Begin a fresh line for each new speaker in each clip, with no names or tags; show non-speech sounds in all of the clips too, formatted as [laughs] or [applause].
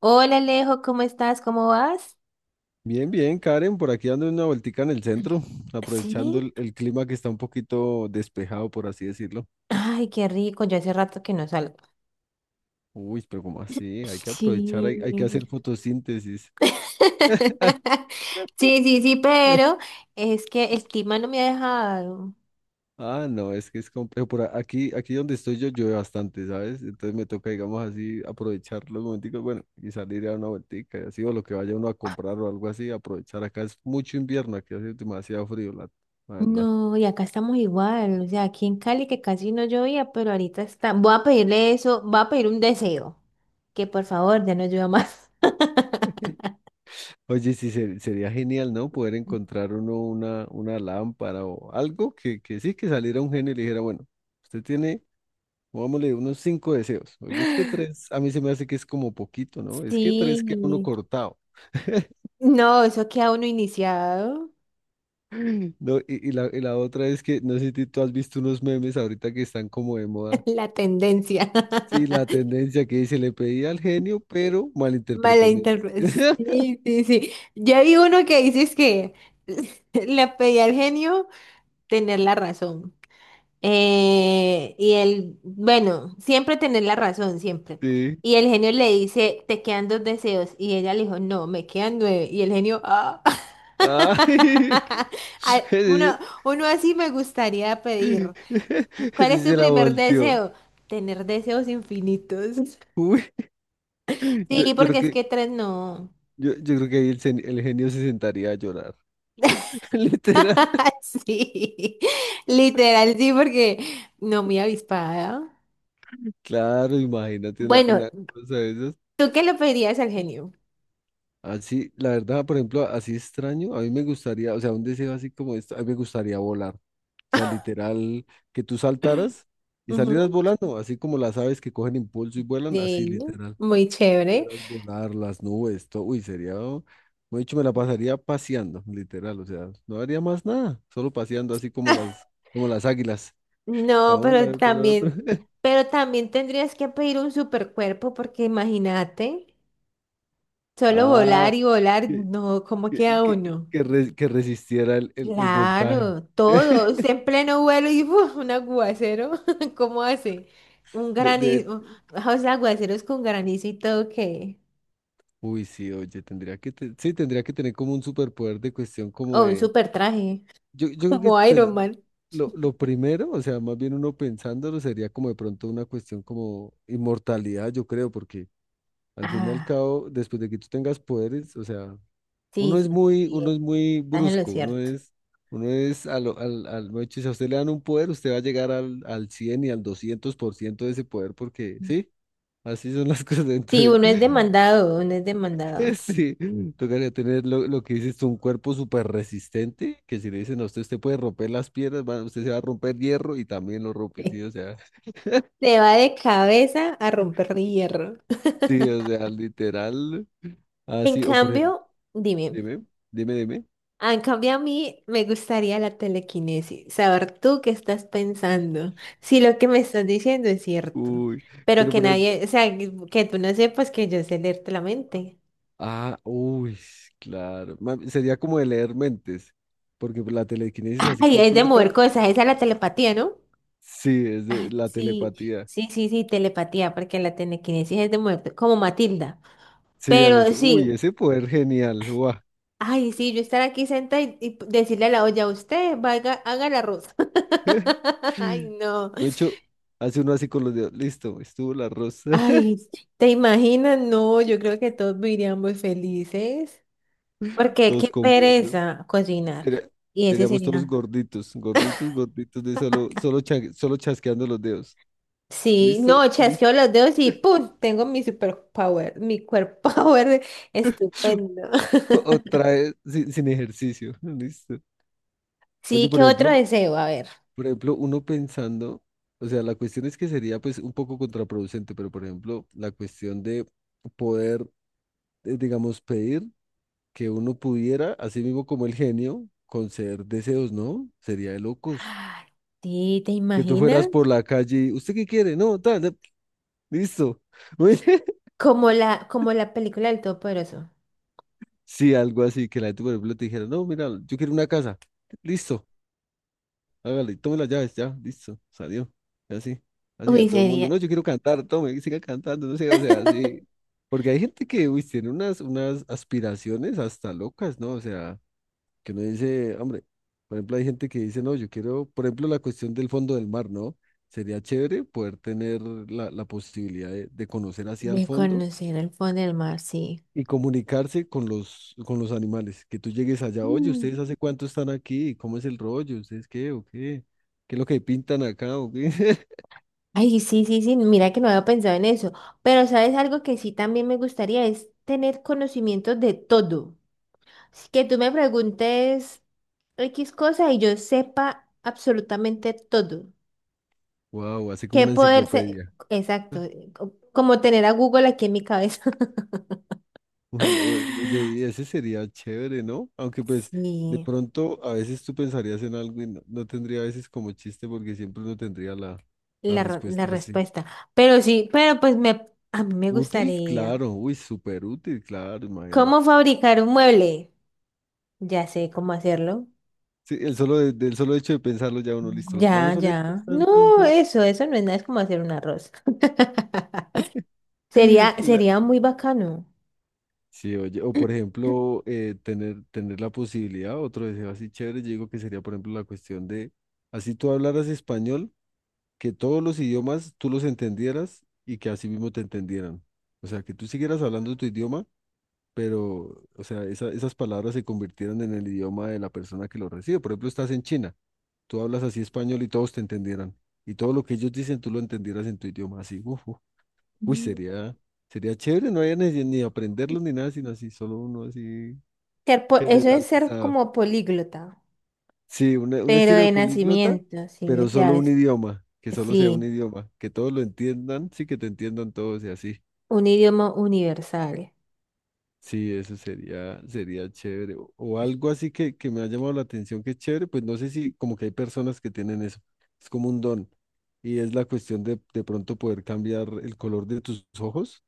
Hola Alejo, ¿cómo estás? ¿Cómo vas?
Bien, bien, Karen, por aquí dando una vueltica en el centro,
Sí.
aprovechando el clima que está un poquito despejado, por así decirlo.
Ay, qué rico. Yo hace rato que no salgo.
Uy, ¿pero como así? Hay que aprovechar,
Sí.
hay que hacer fotosíntesis. [laughs]
[laughs] Sí, sí, sí, pero es que el clima no me ha dejado.
Ah, no, es que es complejo. Por aquí donde estoy yo llueve bastante, ¿sabes? Entonces me toca, digamos así, aprovechar los momenticos, bueno, y salir a dar una vueltica, y así, o lo que vaya uno a comprar o algo así, aprovechar. Acá es mucho invierno, aquí hace demasiado frío, la verdad.
No, y acá estamos igual. O sea, aquí en Cali que casi no llovía, pero ahorita está. Voy a pedirle eso, voy a pedir un deseo. Que por favor, ya no llueva más.
Oye, sí, sería genial, ¿no? Poder encontrar uno una lámpara o algo que sí, que saliera un genio y le dijera, bueno, usted tiene, pongámosle, unos cinco deseos. Porque es que tres, a mí se me hace que es como poquito,
[laughs]
¿no? Es que tres queda uno
Sí.
cortado. [laughs]
No, eso queda uno iniciado.
No, y la otra es que, no sé si tú has visto unos memes ahorita que están como de moda.
[laughs] La tendencia. [laughs]
Sí, la tendencia que dice, le pedí al genio, pero malinterpretó mi deseo".
Malinterpre-
[laughs]
Sí, sí, sí. Ya vi uno que dices que [laughs] le pedí al genio tener la razón. Y él, bueno, siempre tener la razón, siempre.
Sí.
Y el genio le dice, te quedan dos deseos. Y ella le dijo, no, me quedan nueve. Y el genio, ah.
Ay,
[laughs]
[laughs]
Ay, uno,
ese sí
uno así me gustaría
[laughs]
pedir.
ese
¿Cuál es
sí
tu
se la
primer
volteó.
deseo? Tener deseos infinitos. [laughs]
Uy, yo,
Sí,
yo
porque
creo
es
que,
que tres no.
yo creo que ahí el genio se sentaría a llorar. [laughs] Literal.
[laughs] Sí, literal, sí, porque no muy avispada.
Claro, imagínate una,
Bueno,
una cosa de esas.
¿tú qué le pedirías al genio?
Así, la verdad, por ejemplo, así extraño, a mí me gustaría, o sea, un deseo así como esto, a mí me gustaría volar. O sea, literal, que tú saltaras y salieras
Ujú,
volando, así como las aves que cogen impulso y vuelan, así
sí,
literal.
muy chévere.
Pudieras volar, las nubes, todo, uy, sería, oh, como he dicho, me la pasaría paseando, literal, o sea, no haría más nada, solo paseando así como las,
[laughs]
como las águilas.
No,
Para un lado y para el otro. [laughs]
pero también tendrías que pedir un supercuerpo, porque imagínate, solo
Ah,
volar y volar,
que,
no, ¿cómo
que,
queda
que,
uno?
que resistiera el voltaje.
Claro, todos,
[laughs]
en pleno vuelo y ¡fua! Un aguacero, [laughs] ¿cómo hace? Un
De, de-
granizo, o sea, aguaceros con granizo y todo, ¿qué?
uy, sí, oye, tendría que sí, tendría que tener como un superpoder de cuestión como
Oh, un
de,
super traje,
yo,
[laughs]
yo creo que
como
pe-
Iron Man.
lo, lo primero, o sea, más bien uno pensándolo sería como de pronto una cuestión como inmortalidad, yo creo, porque al fin y al
Ah,
cabo, después de que tú tengas poderes, o sea, uno
sí,
es
sí, sí,
muy, uno es
bien.
muy
Estás en lo
brusco,
cierto.
uno es, al al, al, mejor dicho, si a usted le dan un poder, usted va a llegar al, al 100 y al 200% de ese poder, porque, sí, así son las [laughs] cosas.
Sí,
Entonces,
uno es demandado, uno es demandado.
[laughs] sí, tocaría tener lo que dices, tú, un cuerpo súper resistente, que si le dicen a usted, usted puede romper las piedras, va- usted se va a romper hierro y también lo rompe, sí,
Sí.
o sea, [laughs]
Se va de cabeza a romper hierro.
sí, o sea, literal,
En
así, o por ejemplo,
cambio, dime,
dime, dime,
ah, en cambio a mí me gustaría la telequinesis, saber tú qué estás pensando, si lo que me estás diciendo es cierto,
uy.
pero
Pero
que
por ejemplo,
nadie, o sea, que tú no sepas que yo sé leerte la mente.
ah, uy, claro. Sería como de leer mentes, porque la telequinesis así
Ay, es de mover
completa,
cosas, esa es la telepatía, ¿no?
sí, es de la
Sí,
telepatía.
sí, sí, sí, telepatía, porque la telequinesis es de muerte, como Matilda.
Sí, Alex,
Pero
uy,
sí,
ese poder genial, guau.
ay, sí, yo estar aquí sentada y decirle a la olla, usted vaya, haga la arroz.
[laughs]
[laughs] Ay, no.
De hecho, hace uno así con los dedos, listo, estuvo la rosa,
Ay,
[laughs]
¿te imaginas? No, yo creo que todos viviríamos felices. Porque qué
todos comiendo.
pereza cocinar.
Sería-
Y ese
seríamos todos
sería.
gorditos, gorditos, gorditos, de solo chasqueando los dedos.
Sí,
¿Listo?
no, chasqueo
¿Listo?
los dedos y ¡pum! Tengo mi superpower, mi cuerpo power
[laughs]
estupendo. [laughs]
Otra vez sin ejercicio, [laughs] ¿listo? Oye,
Sí, ¿qué
por
otro
ejemplo,
deseo? A ver.
por ejemplo, uno pensando, o sea, la cuestión es que sería pues un poco contraproducente, pero por ejemplo, la cuestión de poder, digamos, pedir que uno pudiera, así mismo como el genio, conceder deseos, ¿no? Sería de locos.
Ay, sí, ¿te
Que tú
imaginas?
fueras por la calle, y, ¿usted qué quiere? No, tal, tal, listo. [laughs] Muy bien.
Como la película del Todopoderoso.
Sí, algo así, que la gente, por ejemplo, te dijera, no, mira, yo quiero una casa, listo. Hágale, tome las llaves, ya, listo, salió. Y así, así a
Uy,
todo el mundo,
sería.
no, yo quiero cantar, tome, y siga cantando, no sé, o sea, así.
[laughs]
Porque hay gente que, uy, tiene unas aspiraciones hasta locas, ¿no? O sea, que uno dice, hombre, por ejemplo, hay gente que dice, no, yo quiero, por ejemplo, la cuestión del fondo del mar, ¿no? Sería chévere poder tener la posibilidad de conocer así al
De
fondo
conocer el fondo del mar, sí.
y comunicarse con con los animales. Que tú llegues allá, oye,
Mm.
¿ustedes hace cuánto están aquí? ¿Cómo es el rollo? ¿Ustedes qué o qué? ¿Qué es lo que pintan acá o qué? [laughs]
Ay, sí, sí, sí, mira que no había pensado en eso. Pero sabes algo que sí también me gustaría es tener conocimiento de todo. Así que tú me preguntes X cosa y yo sepa absolutamente todo.
Wow, así como
¿Qué
una
poder ser?
enciclopedia.
Exacto,
Ah,
como tener a Google aquí en mi cabeza.
oye,
[laughs]
y ese sería chévere, ¿no? Aunque pues de
Sí.
pronto a veces tú pensarías en algo y no, no tendría a veces como chiste porque siempre no tendría la
La, la
respuesta así.
respuesta. Pero sí, pero pues me, a mí me
Útil,
gustaría.
claro, uy, súper útil, claro,
¿Cómo
imagínate.
fabricar un mueble? Ya sé cómo hacerlo.
Sí, el solo, del solo hecho de pensarlo ya uno listo. Los
Ya,
planos son estos.
ya. No, eso no es nada, es como hacer un arroz. [laughs]
[laughs]
Sería,
Cla-
sería muy bacano.
Sí, oye, o por ejemplo, tener la posibilidad, otro deseo así chévere, yo digo que sería, por ejemplo, la cuestión de, así tú hablaras español, que todos los idiomas tú los entendieras y que así mismo te entendieran. O sea, que tú siguieras hablando tu idioma, pero, o sea, esas palabras se convirtieran en el idioma de la persona que lo recibe. Por ejemplo, estás en China, tú hablas así español y todos te entendieran. Y todo lo que ellos dicen, tú lo entendieras en tu idioma, así, uf, uy,
Ujú.
sería, sería chévere, no había ni aprenderlo ni nada, sino así, solo uno así
[clears throat] Eso es ser
generalizado.
como políglota,
Sí, un
pero
estilo de
de
políglota,
nacimiento, sí, o
pero
sea,
solo un
es-
idioma, que solo sea un
sí,
idioma, que todos lo entiendan, sí, que te entiendan todos y así.
un idioma universal.
Sí, eso sería, sería chévere. O algo así que me ha llamado la atención que es chévere, pues no sé si como que hay personas que tienen eso, es como un don. Y es la cuestión de pronto poder cambiar el color de tus ojos.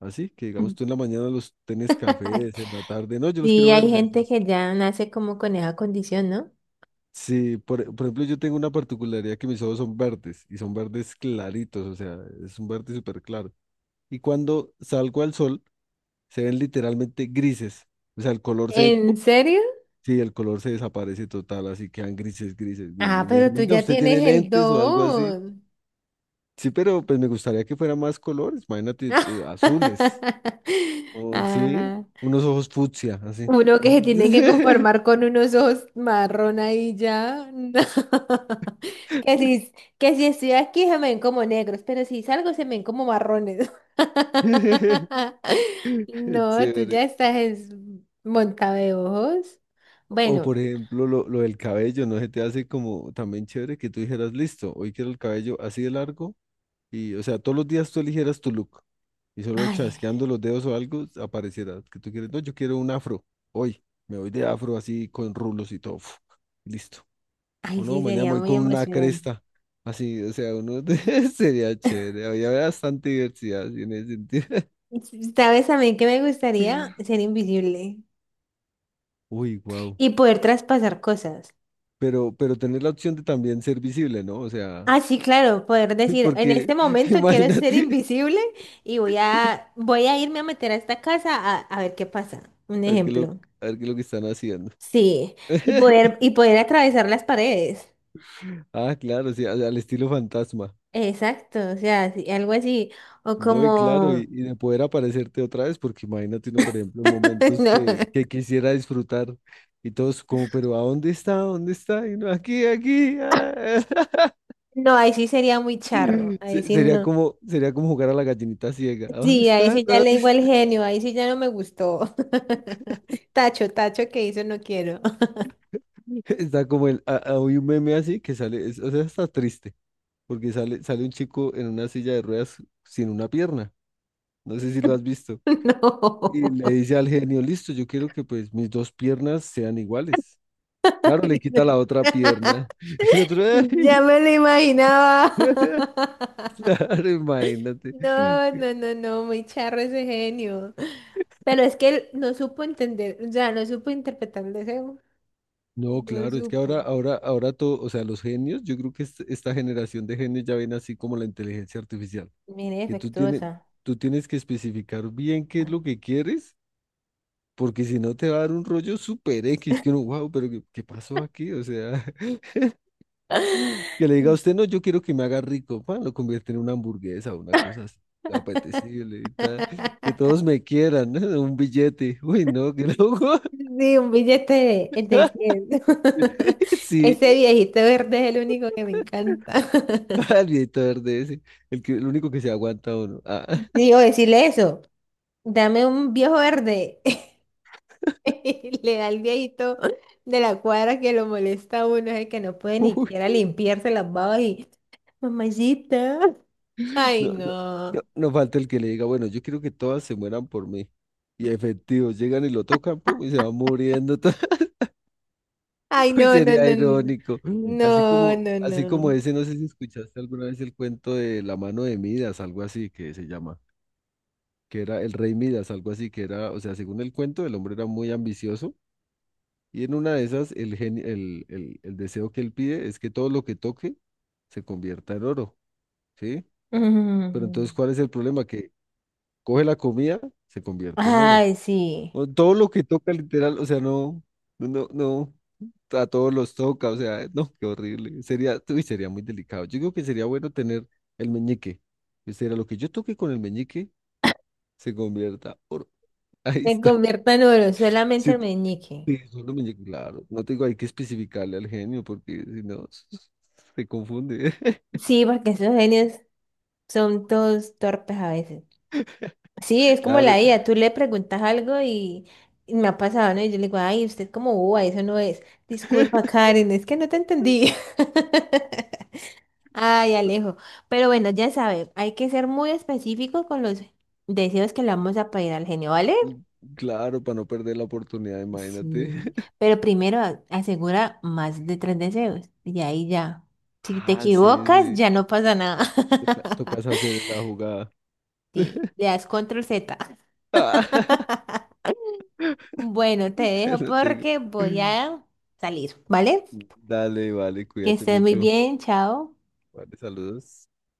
Así que digamos, tú en la mañana los tenés
[laughs]
cafés, en la tarde, no, yo los
Sí,
quiero
hay
verdes.
gente
Las-
que ya nace como con esa condición, ¿no?
sí, por ejemplo, yo tengo una particularidad que mis ojos son verdes y son verdes claritos, o sea, es un verde súper claro. Y cuando salgo al sol, se ven literalmente grises, o sea, el color se,
¿En
¡pum!
serio?
Sí, el color se desaparece total, así quedan grises, grises, grises.
Ah,
Y me
pero
dicen,
tú
venga,
ya
¿usted tiene
tienes el
lentes o algo así?
don.
Sí, pero pues me gustaría que fueran más colores, imagínate, azules,
[laughs]
o sí,
Ah,
unos ojos fucsia, así.
uno que se tiene que
[laughs]
conformar con unos ojos marrón ahí ya. [laughs] No. Que
[laughs]
si, que si estoy aquí se me ven como negros, pero si salgo se me ven como marrones.
[laughs]
[laughs] No, tú
Chévere.
ya estás es monta de ojos.
O
Bueno,
por ejemplo, lo del cabello, ¿no se te hace como también chévere que tú dijeras, listo, hoy quiero el cabello así de largo y, o sea, todos los días tú eligieras tu look y solo
ay,
chasqueando los dedos o algo apareciera que tú quieres, no, yo quiero un afro, hoy me voy de afro así con rulos y todo, uf, listo.
ay,
O no,
sí,
mañana me
sería
voy
muy
con una
emocionante.
cresta, así, o sea, uno [laughs] sería chévere, había bastante diversidad así en ese sentido. [laughs]
¿Sabes a mí que me gustaría? Ser invisible.
Uy, wow.
Y poder traspasar cosas.
Pero tener la opción de también ser visible, ¿no? O sea...
Ah, sí, claro, poder
[laughs]
decir, en
Porque
este
[laughs]
momento quiero ser
imagínate,
invisible y voy a, voy a irme a meter a esta casa a ver qué pasa. Un
a ver qué lo,
ejemplo.
a ver qué es lo que están haciendo.
Sí,
[laughs]
y poder atravesar las paredes.
Ah, claro, sí, al al estilo fantasma.
Exacto, o sea, sí, algo así. O
No, y claro,
como...
y de poder aparecerte otra vez, porque imagínate uno, por ejemplo, en
[laughs]
momentos
No,
que quisiera disfrutar y todos como, pero ¿a dónde está? ¿Dónde está? Y uno, aquí, aquí. Ah".
no, ahí sí sería muy charro.
[laughs]
Ahí sí
Sería
no.
como, sería como jugar a la gallinita ciega. ¿A dónde
Sí, ahí
está? ¿A
sí ya le
dónde
digo el
está?
genio, ahí sí ya no me gustó. [laughs] Tacho, tacho que hizo, no quiero. [laughs]
[laughs] Está como el, hay un meme así que sale, o sea, está triste, porque sale, sale un chico en una silla de ruedas sin una pierna. No sé si lo has visto. Y
No.
le dice al genio, listo, yo quiero que pues mis dos piernas sean iguales.
[laughs]
Claro, le
Ay, no.
quita la otra
[laughs]
pierna. [laughs] Y el otro,
Ya
"Ay".
me lo imaginaba.
[laughs]
[laughs]
Claro, imagínate.
No, no, no, no, muy charro ese genio. Pero es que él no supo entender, o sea, no supo interpretar el deseo.
No,
No
claro, es que
supo.
ahora todo, o sea, los genios, yo creo que esta generación de genios ya ven así como la inteligencia artificial,
Mire,
que tú tienes,
defectuosa.
tú tienes que especificar bien qué es
Ay.
lo que quieres, porque si no te va a dar un rollo super X, que uno, wow, pero ¿qué pasó aquí? O sea, [laughs] que le diga a usted, no, yo quiero que me haga rico, pa lo convierte en una hamburguesa, una cosa así,
[laughs]
apetecible y tal, que todos me quieran, ¿no? [laughs] Un billete, uy, no, que loco,
Sí, un billete de
[laughs]
100. [laughs]
sí,
Ese viejito verde es el único que me encanta. [laughs]
al viejito verde ese, el que, el único que se aguanta uno, ah,
Sí, o decirle eso. Dame un viejo verde. [laughs] Le da el viejito de la cuadra que lo molesta a uno, es el que no puede
[laughs]
ni
uy,
siquiera limpiarse las babas y, mamacita. Ay,
no, no, no,
no.
no falta el que le diga, bueno, yo quiero que todas se mueran por mí, y efectivo, llegan y lo tocan, pum, y se va muriendo. [laughs]
Ay,
[laughs] Uy,
no, no,
sería
no, no.
irónico.
No, no,
Así como
no.
ese, no sé si escuchaste alguna vez el cuento de la mano de Midas, algo así que se llama, que era el rey Midas, algo así que era, o sea, según el cuento, el hombre era muy ambicioso y en una de esas el genio, el deseo que él pide es que todo lo que toque se convierta en oro, ¿sí? Pero entonces,
Mm.
¿cuál es el problema? Que coge la comida, se convierte en oro.
Ay, sí.
O todo lo que toca, literal, o sea, no, no, no, a todos los toca, o sea, no, qué horrible. Sería, uy, sería muy delicado. Yo creo que sería bueno tener el meñique. O sea, lo que yo toque con el meñique se convierta oro. [laughs] Ahí
Se
está.
convierta en oro, solamente
Sí,
el meñique.
sí, solo meñique, claro. No tengo, hay que especificarle al genio porque si no, [laughs] se confunde. [laughs]
Sí, porque esos genios son todos torpes a veces. Sí, es como
Claro,
la IA, tú le preguntas algo y me ha pasado, ¿no? Y yo le digo, ay, usted como boba, eso no es. Disculpa,
[laughs]
Karen, es que no te entendí. [laughs] Ay, Alejo. Pero bueno, ya sabe, hay que ser muy específicos con los deseos que le vamos a pedir al genio, ¿vale?
claro, para no perder la oportunidad, imagínate.
Sí.
[laughs]
Pero primero asegura más de tres deseos y ahí ya. Si te
Ah, sí,
equivocas,
sí.
ya no pasa nada.
Toca, tocas
[laughs]
hacer la jugada.
Sí, le
[laughs]
das control Z.
Ah, [laughs]
Bueno, te
[laughs]
dejo
No tengo.
porque voy a salir, ¿vale?
Dale, vale,
Que
cuídate
estés muy
mucho.
bien, chao.
Vale, saludos.